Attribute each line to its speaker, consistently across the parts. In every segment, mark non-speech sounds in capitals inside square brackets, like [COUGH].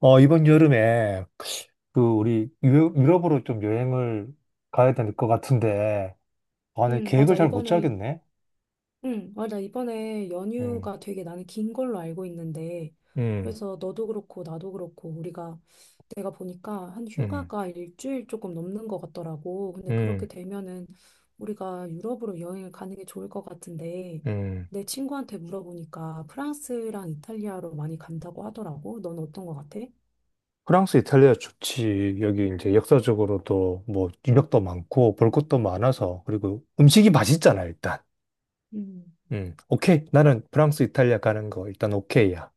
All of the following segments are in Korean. Speaker 1: 이번 여름에 그 우리 유럽으로 좀 여행을 가야 될 것 같은데, 아, 내
Speaker 2: 응,
Speaker 1: 계획을
Speaker 2: 맞아.
Speaker 1: 잘 못 짜겠네.
Speaker 2: 응, 맞아. 이번에
Speaker 1: 음,
Speaker 2: 연휴가 되게 나는 긴 걸로 알고 있는데,
Speaker 1: 음,
Speaker 2: 그래서 너도 그렇고, 나도 그렇고, 내가 보니까 한
Speaker 1: 음,
Speaker 2: 휴가가 일주일 조금 넘는 것 같더라고. 근데 그렇게
Speaker 1: 음,
Speaker 2: 되면은 우리가 유럽으로 여행을 가는 게 좋을 것 같은데,
Speaker 1: 음.
Speaker 2: 내 친구한테 물어보니까 프랑스랑 이탈리아로 많이 간다고 하더라고. 넌 어떤 것 같아?
Speaker 1: 프랑스, 이탈리아 좋지. 여기 이제 역사적으로도 뭐 유적도 많고 볼 것도 많아서 그리고 음식이 맛있잖아, 일단.
Speaker 2: 음.
Speaker 1: 오케이. 나는 프랑스, 이탈리아 가는 거 일단 오케이야.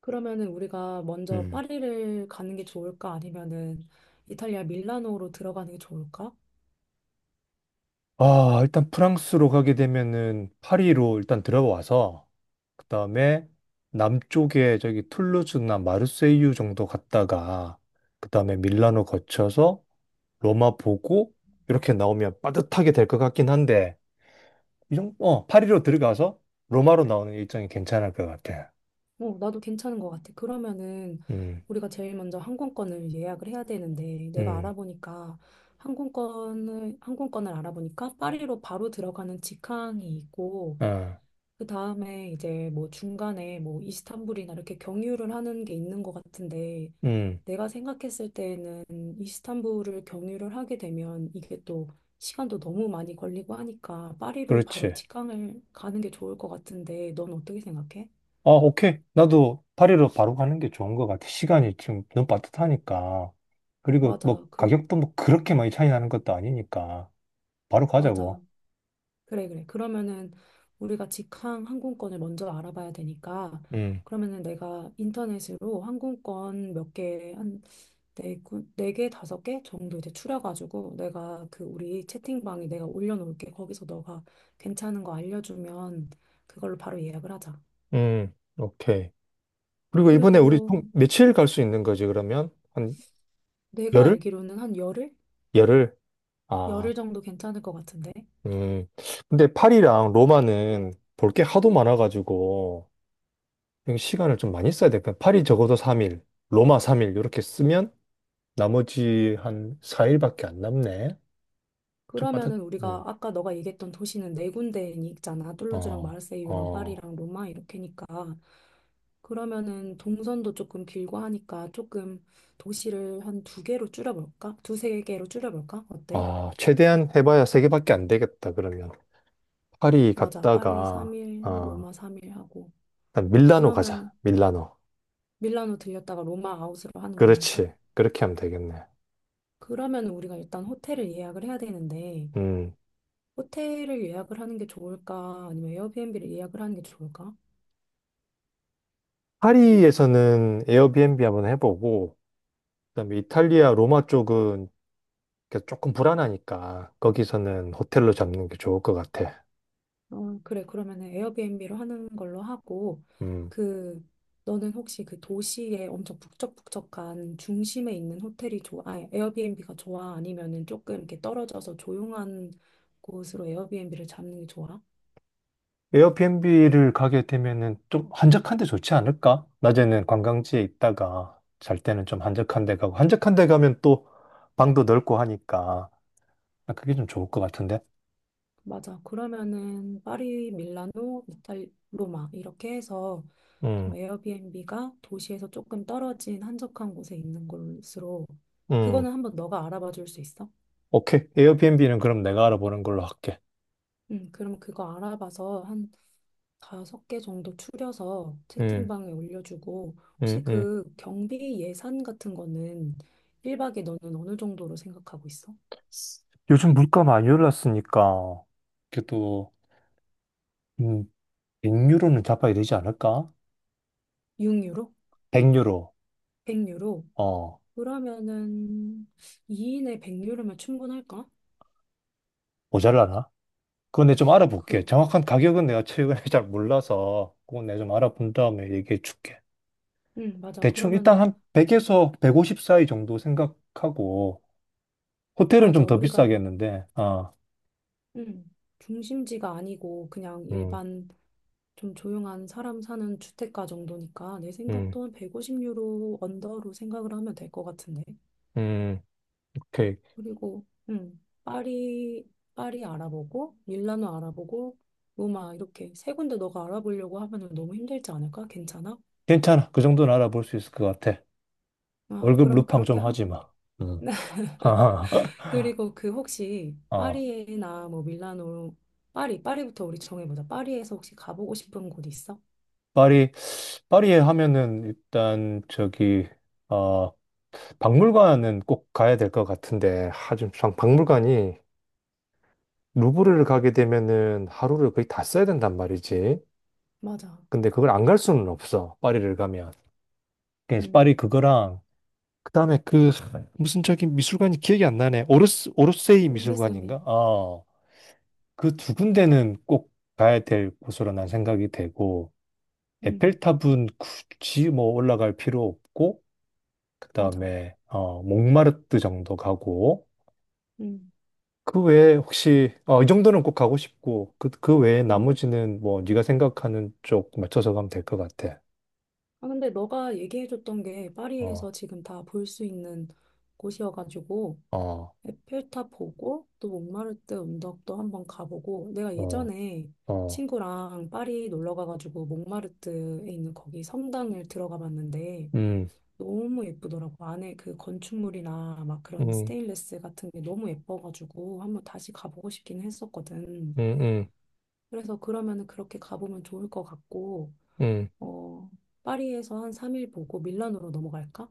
Speaker 2: 그러면은 우리가 먼저
Speaker 1: 음.
Speaker 2: 파리를 가는 게 좋을까? 아니면은 이탈리아 밀라노로 들어가는 게 좋을까?
Speaker 1: 아, 일단 프랑스로 가게 되면은 파리로 일단 들어와서 그다음에 남쪽에 저기 툴루즈나 마르세유 정도 갔다가 그다음에 밀라노 거쳐서 로마 보고 이렇게 나오면 빠듯하게 될 것 같긴 한데 이 정도 파리로 들어가서 로마로 나오는 일정이 괜찮을 것 같아.
Speaker 2: 어, 나도 괜찮은 것 같아. 그러면은
Speaker 1: 음.
Speaker 2: 우리가 제일 먼저 항공권을 예약을 해야 되는데 내가
Speaker 1: 음.
Speaker 2: 알아보니까 항공권을 알아보니까 파리로 바로 들어가는 직항이 있고
Speaker 1: 아.
Speaker 2: 그 다음에 이제 뭐 중간에 뭐 이스탄불이나 이렇게 경유를 하는 게 있는 것 같은데
Speaker 1: 음.
Speaker 2: 내가 생각했을 때는 이스탄불을 경유를 하게 되면 이게 또 시간도 너무 많이 걸리고 하니까 파리로 바로
Speaker 1: 그렇지.
Speaker 2: 직항을 가는 게 좋을 것 같은데 넌 어떻게 생각해?
Speaker 1: 아, 오케이. 나도 파리로 바로 가는 게 좋은 것 같아. 시간이 지금 너무 빠듯하니까. 그리고 뭐
Speaker 2: 맞아.
Speaker 1: 가격도 뭐 그렇게 많이 차이 나는 것도 아니니까. 바로
Speaker 2: 맞아.
Speaker 1: 가자고.
Speaker 2: 그래, 그래. 그러면은 우리가 직항 항공권을 먼저 알아봐야 되니까
Speaker 1: 음,
Speaker 2: 그러면은 내가 인터넷으로 항공권 몇 개, 한 네 개, 다섯 개 정도 이제 추려가지고 내가 그 우리 채팅방에 내가 올려놓을게. 거기서 너가 괜찮은 거 알려주면 그걸로 바로 예약을 하자.
Speaker 1: 오케이. 그리고 이번에 우리
Speaker 2: 그리고
Speaker 1: 총 며칠 갈 수 있는 거지, 그러면? 한
Speaker 2: 내가
Speaker 1: 열흘?
Speaker 2: 알기로는 한 열흘?
Speaker 1: 열흘? 아,
Speaker 2: 열흘 정도 괜찮을 것 같은데.
Speaker 1: 음. 근데 파리랑 로마는 볼게 하도 많아가지고, 이거 시간을 좀 많이 써야 돼. 그냥 파리 적어도 3일, 로마 3일, 이렇게 쓰면 나머지 한 4일밖에 안 남네. 좀 빠듯,
Speaker 2: 그러면은 우리가 아까 너가 얘기했던 도시는 네 군데 있잖아. 툴루즈랑
Speaker 1: 어,
Speaker 2: 마르세유랑
Speaker 1: 어,
Speaker 2: 파리랑 로마 이렇게니까. 그러면은 동선도 조금 길고 하니까 조금 도시를 한 두 개로 줄여볼까? 두 세 개로 줄여볼까? 어때?
Speaker 1: 아, 최대한 해봐야 세 개밖에 안 되겠다, 그러면. 파리
Speaker 2: 맞아. 파리
Speaker 1: 갔다가,
Speaker 2: 3일,
Speaker 1: 아,
Speaker 2: 로마 3일 하고.
Speaker 1: 일단 밀라노
Speaker 2: 그러면
Speaker 1: 가자, 밀라노.
Speaker 2: 밀라노 들렸다가 로마 아웃으로 하는 걸로 할까?
Speaker 1: 그렇지. 그렇게 하면 되겠네.
Speaker 2: 그러면 우리가 일단 호텔을 예약을 해야 되는데,
Speaker 1: 음.
Speaker 2: 호텔을 예약을 하는 게 좋을까? 아니면 에어비앤비를 예약을 하는 게 좋을까?
Speaker 1: 파리에서는 에어비앤비 한번 해보고, 그다음에 이탈리아 로마 쪽은 이렇게 조금 불안하니까, 거기서는 호텔로 잡는 게 좋을 것 같아.
Speaker 2: 어, 그래. 그러면은 에어비앤비로 하는 걸로 하고,
Speaker 1: 음.
Speaker 2: 그, 너는 혹시 그 도시에 엄청 북적북적한 중심에 있는 호텔이 좋아, 아니, 에어비앤비가 좋아? 아니면은 조금 이렇게 떨어져서 조용한 곳으로 에어비앤비를 잡는 게 좋아?
Speaker 1: 에어비앤비를 가게 되면은 좀 한적한 데 좋지 않을까? 낮에는 관광지에 있다가 잘 때는 좀 한적한 데 가고 한적한 데 가면 또 방도 넓고 하니까 아, 그게 좀 좋을 것 같은데.
Speaker 2: 맞아. 그러면은 파리, 밀라노, 로마 이렇게 해서
Speaker 1: 음,
Speaker 2: 좀 에어비앤비가 도시에서 조금 떨어진 한적한 곳에 있는 곳으로
Speaker 1: 음,
Speaker 2: 그거는 한번 너가 알아봐 줄 수 있어?
Speaker 1: 오케이. 에어비앤비는 그럼 내가 알아보는 걸로 할게.
Speaker 2: 그럼 그거 알아봐서 한 다섯 개 정도 추려서
Speaker 1: 음,
Speaker 2: 채팅방에 올려주고,
Speaker 1: 음,
Speaker 2: 혹시
Speaker 1: 음.
Speaker 2: 그 경비 예산 같은 거는 1박에 너는 어느 정도로 생각하고 있어?
Speaker 1: 요즘 물가 많이 올랐으니까 그래도 음, 100유로는 잡아야 되지 않을까?
Speaker 2: 6유로?
Speaker 1: 100유로.
Speaker 2: 100유로?
Speaker 1: 어,
Speaker 2: 그러면은 2인에 100유로면 충분할까?
Speaker 1: 모자라나? 그건 내가 좀 알아볼게.
Speaker 2: 그,
Speaker 1: 정확한 가격은 내가 최근에 [LAUGHS] 잘 몰라서 그건 내가 좀 알아본 다음에 얘기해 줄게.
Speaker 2: 응, 맞아.
Speaker 1: 대충 일단
Speaker 2: 그러면은,
Speaker 1: 한 100에서 150 사이 정도 생각하고 호텔은
Speaker 2: 맞아.
Speaker 1: 좀 더 비싸겠는데 아,
Speaker 2: 응, 중심지가 아니고 그냥
Speaker 1: 음,
Speaker 2: 일반 좀 조용한 사람 사는 주택가 정도니까 내
Speaker 1: 음,
Speaker 2: 생각도 한 150유로 언더로 생각을 하면 될 것 같은데.
Speaker 1: 음, 오케이.
Speaker 2: 그리고 파리 알아보고 밀라노 알아보고 로마 이렇게 세 군데 너가 알아보려고 하면 너무 힘들지 않을까? 괜찮아?
Speaker 1: 괜찮아. 그 정도는 알아볼 수 있을 것 같아.
Speaker 2: 아,
Speaker 1: 월급
Speaker 2: 그러면
Speaker 1: 루팡
Speaker 2: 그렇게
Speaker 1: 좀
Speaker 2: 하.
Speaker 1: 하지 마. 음. [LAUGHS]
Speaker 2: 그리고 혹시
Speaker 1: 어,
Speaker 2: 파리에나 뭐 밀라노 파리부터 우리 정해보자. 파리에서 혹시 가보고 싶은 곳 있어?
Speaker 1: 파리, 파리에 하면은 일단 저기 어, 박물관은 꼭 가야 될 것 같은데, 하, 좀, 참 박물관이 루브르를 가게 되면은 하루를 거의 다 써야 된단 말이지.
Speaker 2: 맞아.
Speaker 1: 근데 그걸 안 갈 수는 없어. 파리를 가면. 그래서 파리
Speaker 2: 음.
Speaker 1: 그거랑 그다음에 그 무슨 저기 미술관이 기억이 안 나네. 오르스 오르세이
Speaker 2: 우리 쌤이.
Speaker 1: 미술관인가? 어. 그 두 군데는 꼭 가야 될 곳으로 난 생각이 되고
Speaker 2: 음.
Speaker 1: 에펠탑은 굳이 뭐 올라갈 필요 없고
Speaker 2: 맞아.
Speaker 1: 그다음에 몽마르트 정도 가고
Speaker 2: 음.
Speaker 1: 그 외에 혹시 이 정도는 꼭 가고 싶고 그 외에
Speaker 2: 음.
Speaker 1: 나머지는 뭐 네가 생각하는 쪽 맞춰서 가면 될 것 같아.
Speaker 2: 아, 근데 너가 얘기해줬던 게
Speaker 1: 어,
Speaker 2: 파리에서 지금 다 볼 수 있는 곳이어가지고
Speaker 1: 어,
Speaker 2: 에펠탑 보고 또 몽마르트 언덕도 한번 가보고 내가
Speaker 1: 어,
Speaker 2: 예전에
Speaker 1: 어.
Speaker 2: 친구랑 파리 놀러 가가지고 몽마르트에 있는 거기 성당을 들어가 봤는데
Speaker 1: 음,
Speaker 2: 너무 예쁘더라고. 안에 그 건축물이나 막 그런
Speaker 1: 음,
Speaker 2: 스테인레스 같은 게 너무 예뻐가지고 한번 다시 가보고 싶긴 했었거든.
Speaker 1: 음, 음,
Speaker 2: 그래서 그러면은 그렇게 가보면 좋을 것 같고
Speaker 1: 음.
Speaker 2: 어, 파리에서 한 3일 보고 밀라노로 넘어갈까?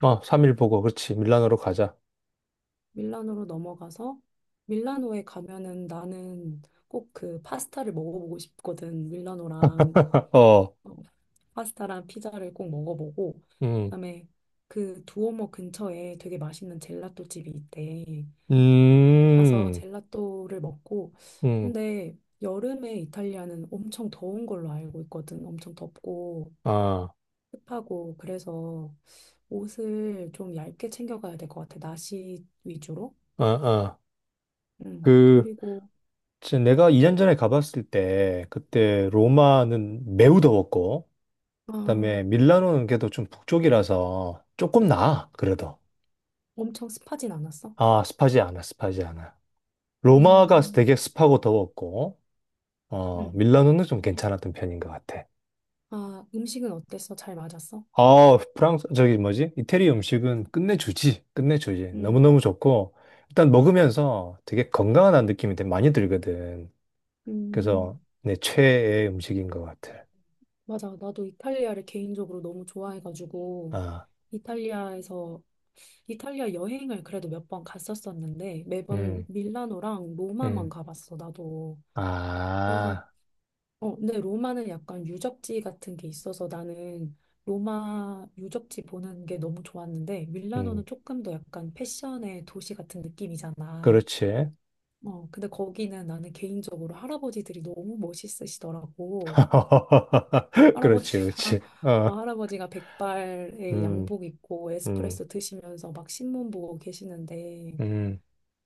Speaker 1: 아, 3일 보고 그렇지. 밀라노로 가자.
Speaker 2: 밀라노로 넘어가서 밀라노에 가면은 나는 꼭 그 파스타를 먹어보고 싶거든.
Speaker 1: 어,
Speaker 2: 어, 파스타랑 피자를 꼭 먹어보고
Speaker 1: 음,
Speaker 2: 그다음에 그 두오모 근처에 되게 맛있는 젤라또 집이 있대. 가서
Speaker 1: 음,
Speaker 2: 젤라또를 먹고
Speaker 1: 음,
Speaker 2: 근데 여름에 이탈리아는 엄청 더운 걸로 알고 있거든. 엄청 덥고
Speaker 1: 아,
Speaker 2: 습하고 그래서 옷을 좀 얇게 챙겨가야 될 것 같아. 나시 위주로.
Speaker 1: 아, 아.
Speaker 2: 음.
Speaker 1: 그,
Speaker 2: 그리고
Speaker 1: 진짜 내가 2년 전에 가봤을 때, 그때 로마는 매우 더웠고,
Speaker 2: 아,
Speaker 1: 그다음에 밀라노는 그래도 좀 북쪽이라서 조금 나아, 그래도.
Speaker 2: 엄청 습하진 않았어.
Speaker 1: 아, 습하지 않아, 습하지 않아. 로마가
Speaker 2: 음.
Speaker 1: 되게 습하고 더웠고, 어,
Speaker 2: 음.
Speaker 1: 밀라노는 좀 괜찮았던 편인 것 같아.
Speaker 2: 아, 음식은 어땠어? 잘 맞았어?
Speaker 1: 아, 프랑스, 저기 뭐지? 이태리 음식은 끝내주지, 끝내주지.
Speaker 2: 음.
Speaker 1: 너무너무 좋고, 일단 먹으면서 되게 건강한 느낌이 되게 많이 들거든.
Speaker 2: 음.
Speaker 1: 그래서 내 최애 음식인 것 같아.
Speaker 2: 맞아. 나도 이탈리아를 개인적으로 너무 좋아해가지고
Speaker 1: 아,
Speaker 2: 이탈리아에서 이탈리아 여행을 그래도 몇 번 갔었었는데 매번
Speaker 1: 음,
Speaker 2: 밀라노랑 로마만
Speaker 1: 음,
Speaker 2: 가봤어. 나도. 그래서
Speaker 1: 아,
Speaker 2: 근데 로마는 약간 유적지 같은 게 있어서 나는 로마 유적지 보는 게 너무 좋았는데 밀라노는
Speaker 1: 음,
Speaker 2: 조금 더 약간 패션의 도시 같은 느낌이잖아.
Speaker 1: 그렇지.
Speaker 2: 어, 근데 거기는 나는 개인적으로 할아버지들이 너무 멋있으시더라고.
Speaker 1: [LAUGHS] 그렇지,
Speaker 2: 할아버지가
Speaker 1: 그렇지.
Speaker 2: [LAUGHS]
Speaker 1: 어,
Speaker 2: 할아버지가 백발에
Speaker 1: 음,
Speaker 2: 양복 입고
Speaker 1: 음,
Speaker 2: 에스프레소 드시면서 막 신문 보고 계시는데
Speaker 1: 음,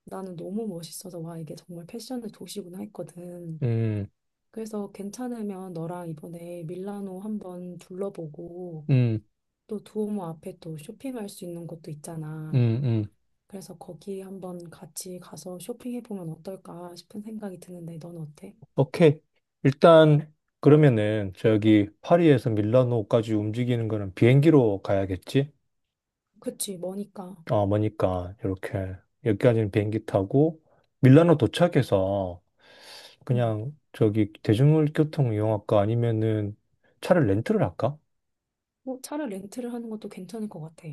Speaker 2: 나는 너무 멋있어서 와 이게 정말 패션의 도시구나 했거든.
Speaker 1: 음.
Speaker 2: 그래서 괜찮으면 너랑 이번에 밀라노 한번 둘러보고
Speaker 1: 음.
Speaker 2: 또 두오모 앞에 또 쇼핑할 수 있는 곳도 있잖아.
Speaker 1: 음, 음.
Speaker 2: 그래서 거기 한번 같이 가서 쇼핑해보면 어떨까 싶은 생각이 드는데 넌 어때?
Speaker 1: 오케이. 일단, 그러면은, 저기, 파리에서 밀라노까지 움직이는 거는 비행기로 가야겠지?
Speaker 2: 그치, 머니까.
Speaker 1: 어, 뭐니까, 이렇게, 여기까지는 비행기 타고, 밀라노 도착해서,
Speaker 2: 응.
Speaker 1: 그냥, 저기, 대중교통 이용할까? 아니면은, 차를 렌트를 할까?
Speaker 2: 뭐 차를 렌트를 하는 것도 괜찮을 것 같아.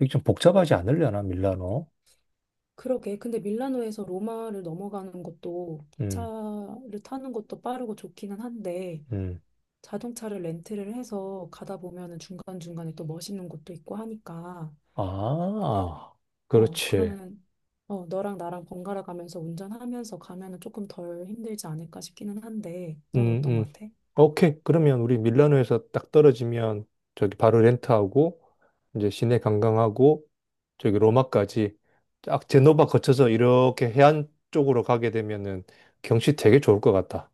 Speaker 1: 이게 좀 복잡하지 않으려나, 밀라노?
Speaker 2: 그러게. 근데 밀라노에서 로마를 넘어가는 것도
Speaker 1: 음,
Speaker 2: 기차를 타는 것도 빠르고 좋기는 한데
Speaker 1: 음.
Speaker 2: 자동차를 렌트를 해서 가다 보면은 중간중간에 또 멋있는 곳도 있고 하니까
Speaker 1: 아, 그렇지.
Speaker 2: 그러면 너랑 나랑 번갈아 가면서 운전하면서 가면은 조금 덜 힘들지 않을까 싶기는 한데, 넌
Speaker 1: 음,
Speaker 2: 어떤
Speaker 1: 음.
Speaker 2: 것 같아?
Speaker 1: 오케이. 그러면 우리 밀라노에서 딱 떨어지면 저기 바로 렌트하고 이제 시내 관광하고 저기 로마까지 딱 제노바 거쳐서 이렇게 해안 쪽으로 가게 되면은 경치 되게 좋을 것 같다.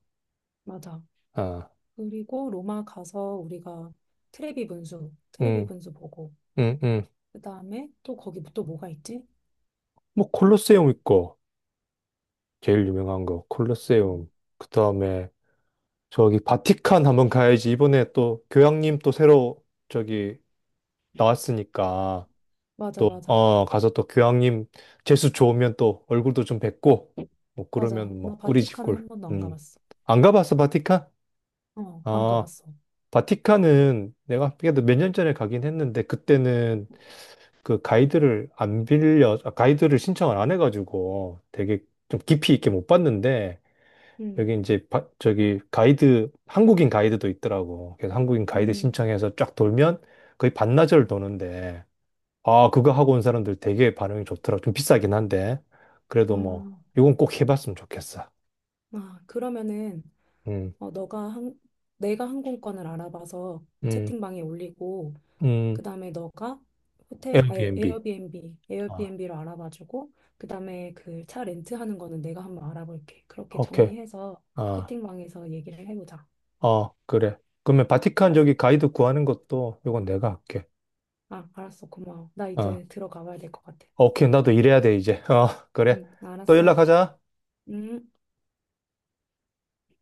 Speaker 2: 맞아.
Speaker 1: 아,
Speaker 2: 그리고 로마 가서 우리가 트레비 분수, 트레비
Speaker 1: 음,
Speaker 2: 분수 보고,
Speaker 1: 음, 음.
Speaker 2: 그 다음에 또 거기 또 뭐가 있지?
Speaker 1: 뭐 콜로세움 있고 제일 유명한 거
Speaker 2: 음,
Speaker 1: 콜로세움. 그 다음에 저기 바티칸 한번 가야지. 이번에 또 교황님 또 새로 저기 나왔으니까.
Speaker 2: 맞아,
Speaker 1: 또,
Speaker 2: 맞아,
Speaker 1: 가서 또 교황님 재수 좋으면 또 얼굴도 좀 뵙고, 뭐,
Speaker 2: 맞아.
Speaker 1: 그러면
Speaker 2: 나
Speaker 1: 뭐, 꿀이지,
Speaker 2: 바티칸은 한
Speaker 1: 꿀.
Speaker 2: 번도 안
Speaker 1: 음.
Speaker 2: 가봤어.
Speaker 1: 안 가봤어, 바티칸?
Speaker 2: 어, 안
Speaker 1: 아,
Speaker 2: 가봤어.
Speaker 1: 바티칸은 내가 그래도 몇 년 전에 가긴 했는데, 그때는 그 가이드를 안 빌려, 아, 가이드를 신청을 안 해가지고 되게 좀 깊이 있게 못 봤는데,
Speaker 2: 음,
Speaker 1: 여기 이제, 저기 가이드, 한국인 가이드도 있더라고. 그래서 한국인 가이드
Speaker 2: 음,
Speaker 1: 신청해서 쫙 돌면 거의 반나절 도는데, 아, 그거 하고 온 사람들 되게 반응이 좋더라. 좀 비싸긴 한데.
Speaker 2: 아,
Speaker 1: 그래도 뭐, 이건 꼭 해봤으면 좋겠어.
Speaker 2: 그러면은
Speaker 1: 음,
Speaker 2: 어, 너가 한, 내가 항공권을 알아봐서
Speaker 1: 음,
Speaker 2: 채팅방에 올리고.
Speaker 1: 음,
Speaker 2: 그다음에 너가 호텔 아니,
Speaker 1: 에어비앤비.
Speaker 2: 에어비앤비
Speaker 1: 아,
Speaker 2: 에어비앤비로 알아봐주고 그다음에 그 차 렌트하는 거는 내가 한번 알아볼게. 그렇게
Speaker 1: 오케이.
Speaker 2: 정리해서
Speaker 1: 아,
Speaker 2: 채팅방에서 얘기를 해보자.
Speaker 1: 어, 그래. 그러면 바티칸
Speaker 2: 알았어.
Speaker 1: 저기 가이드 구하는 것도 이건 내가 할게.
Speaker 2: 아, 알았어. 고마워. 나
Speaker 1: 아,
Speaker 2: 이제 들어가봐야 될 것 같아.
Speaker 1: 오케이. 나도 일해야 돼, 이제. 어, 그래.
Speaker 2: 응,
Speaker 1: 또
Speaker 2: 알았어.
Speaker 1: 연락하자.
Speaker 2: 응.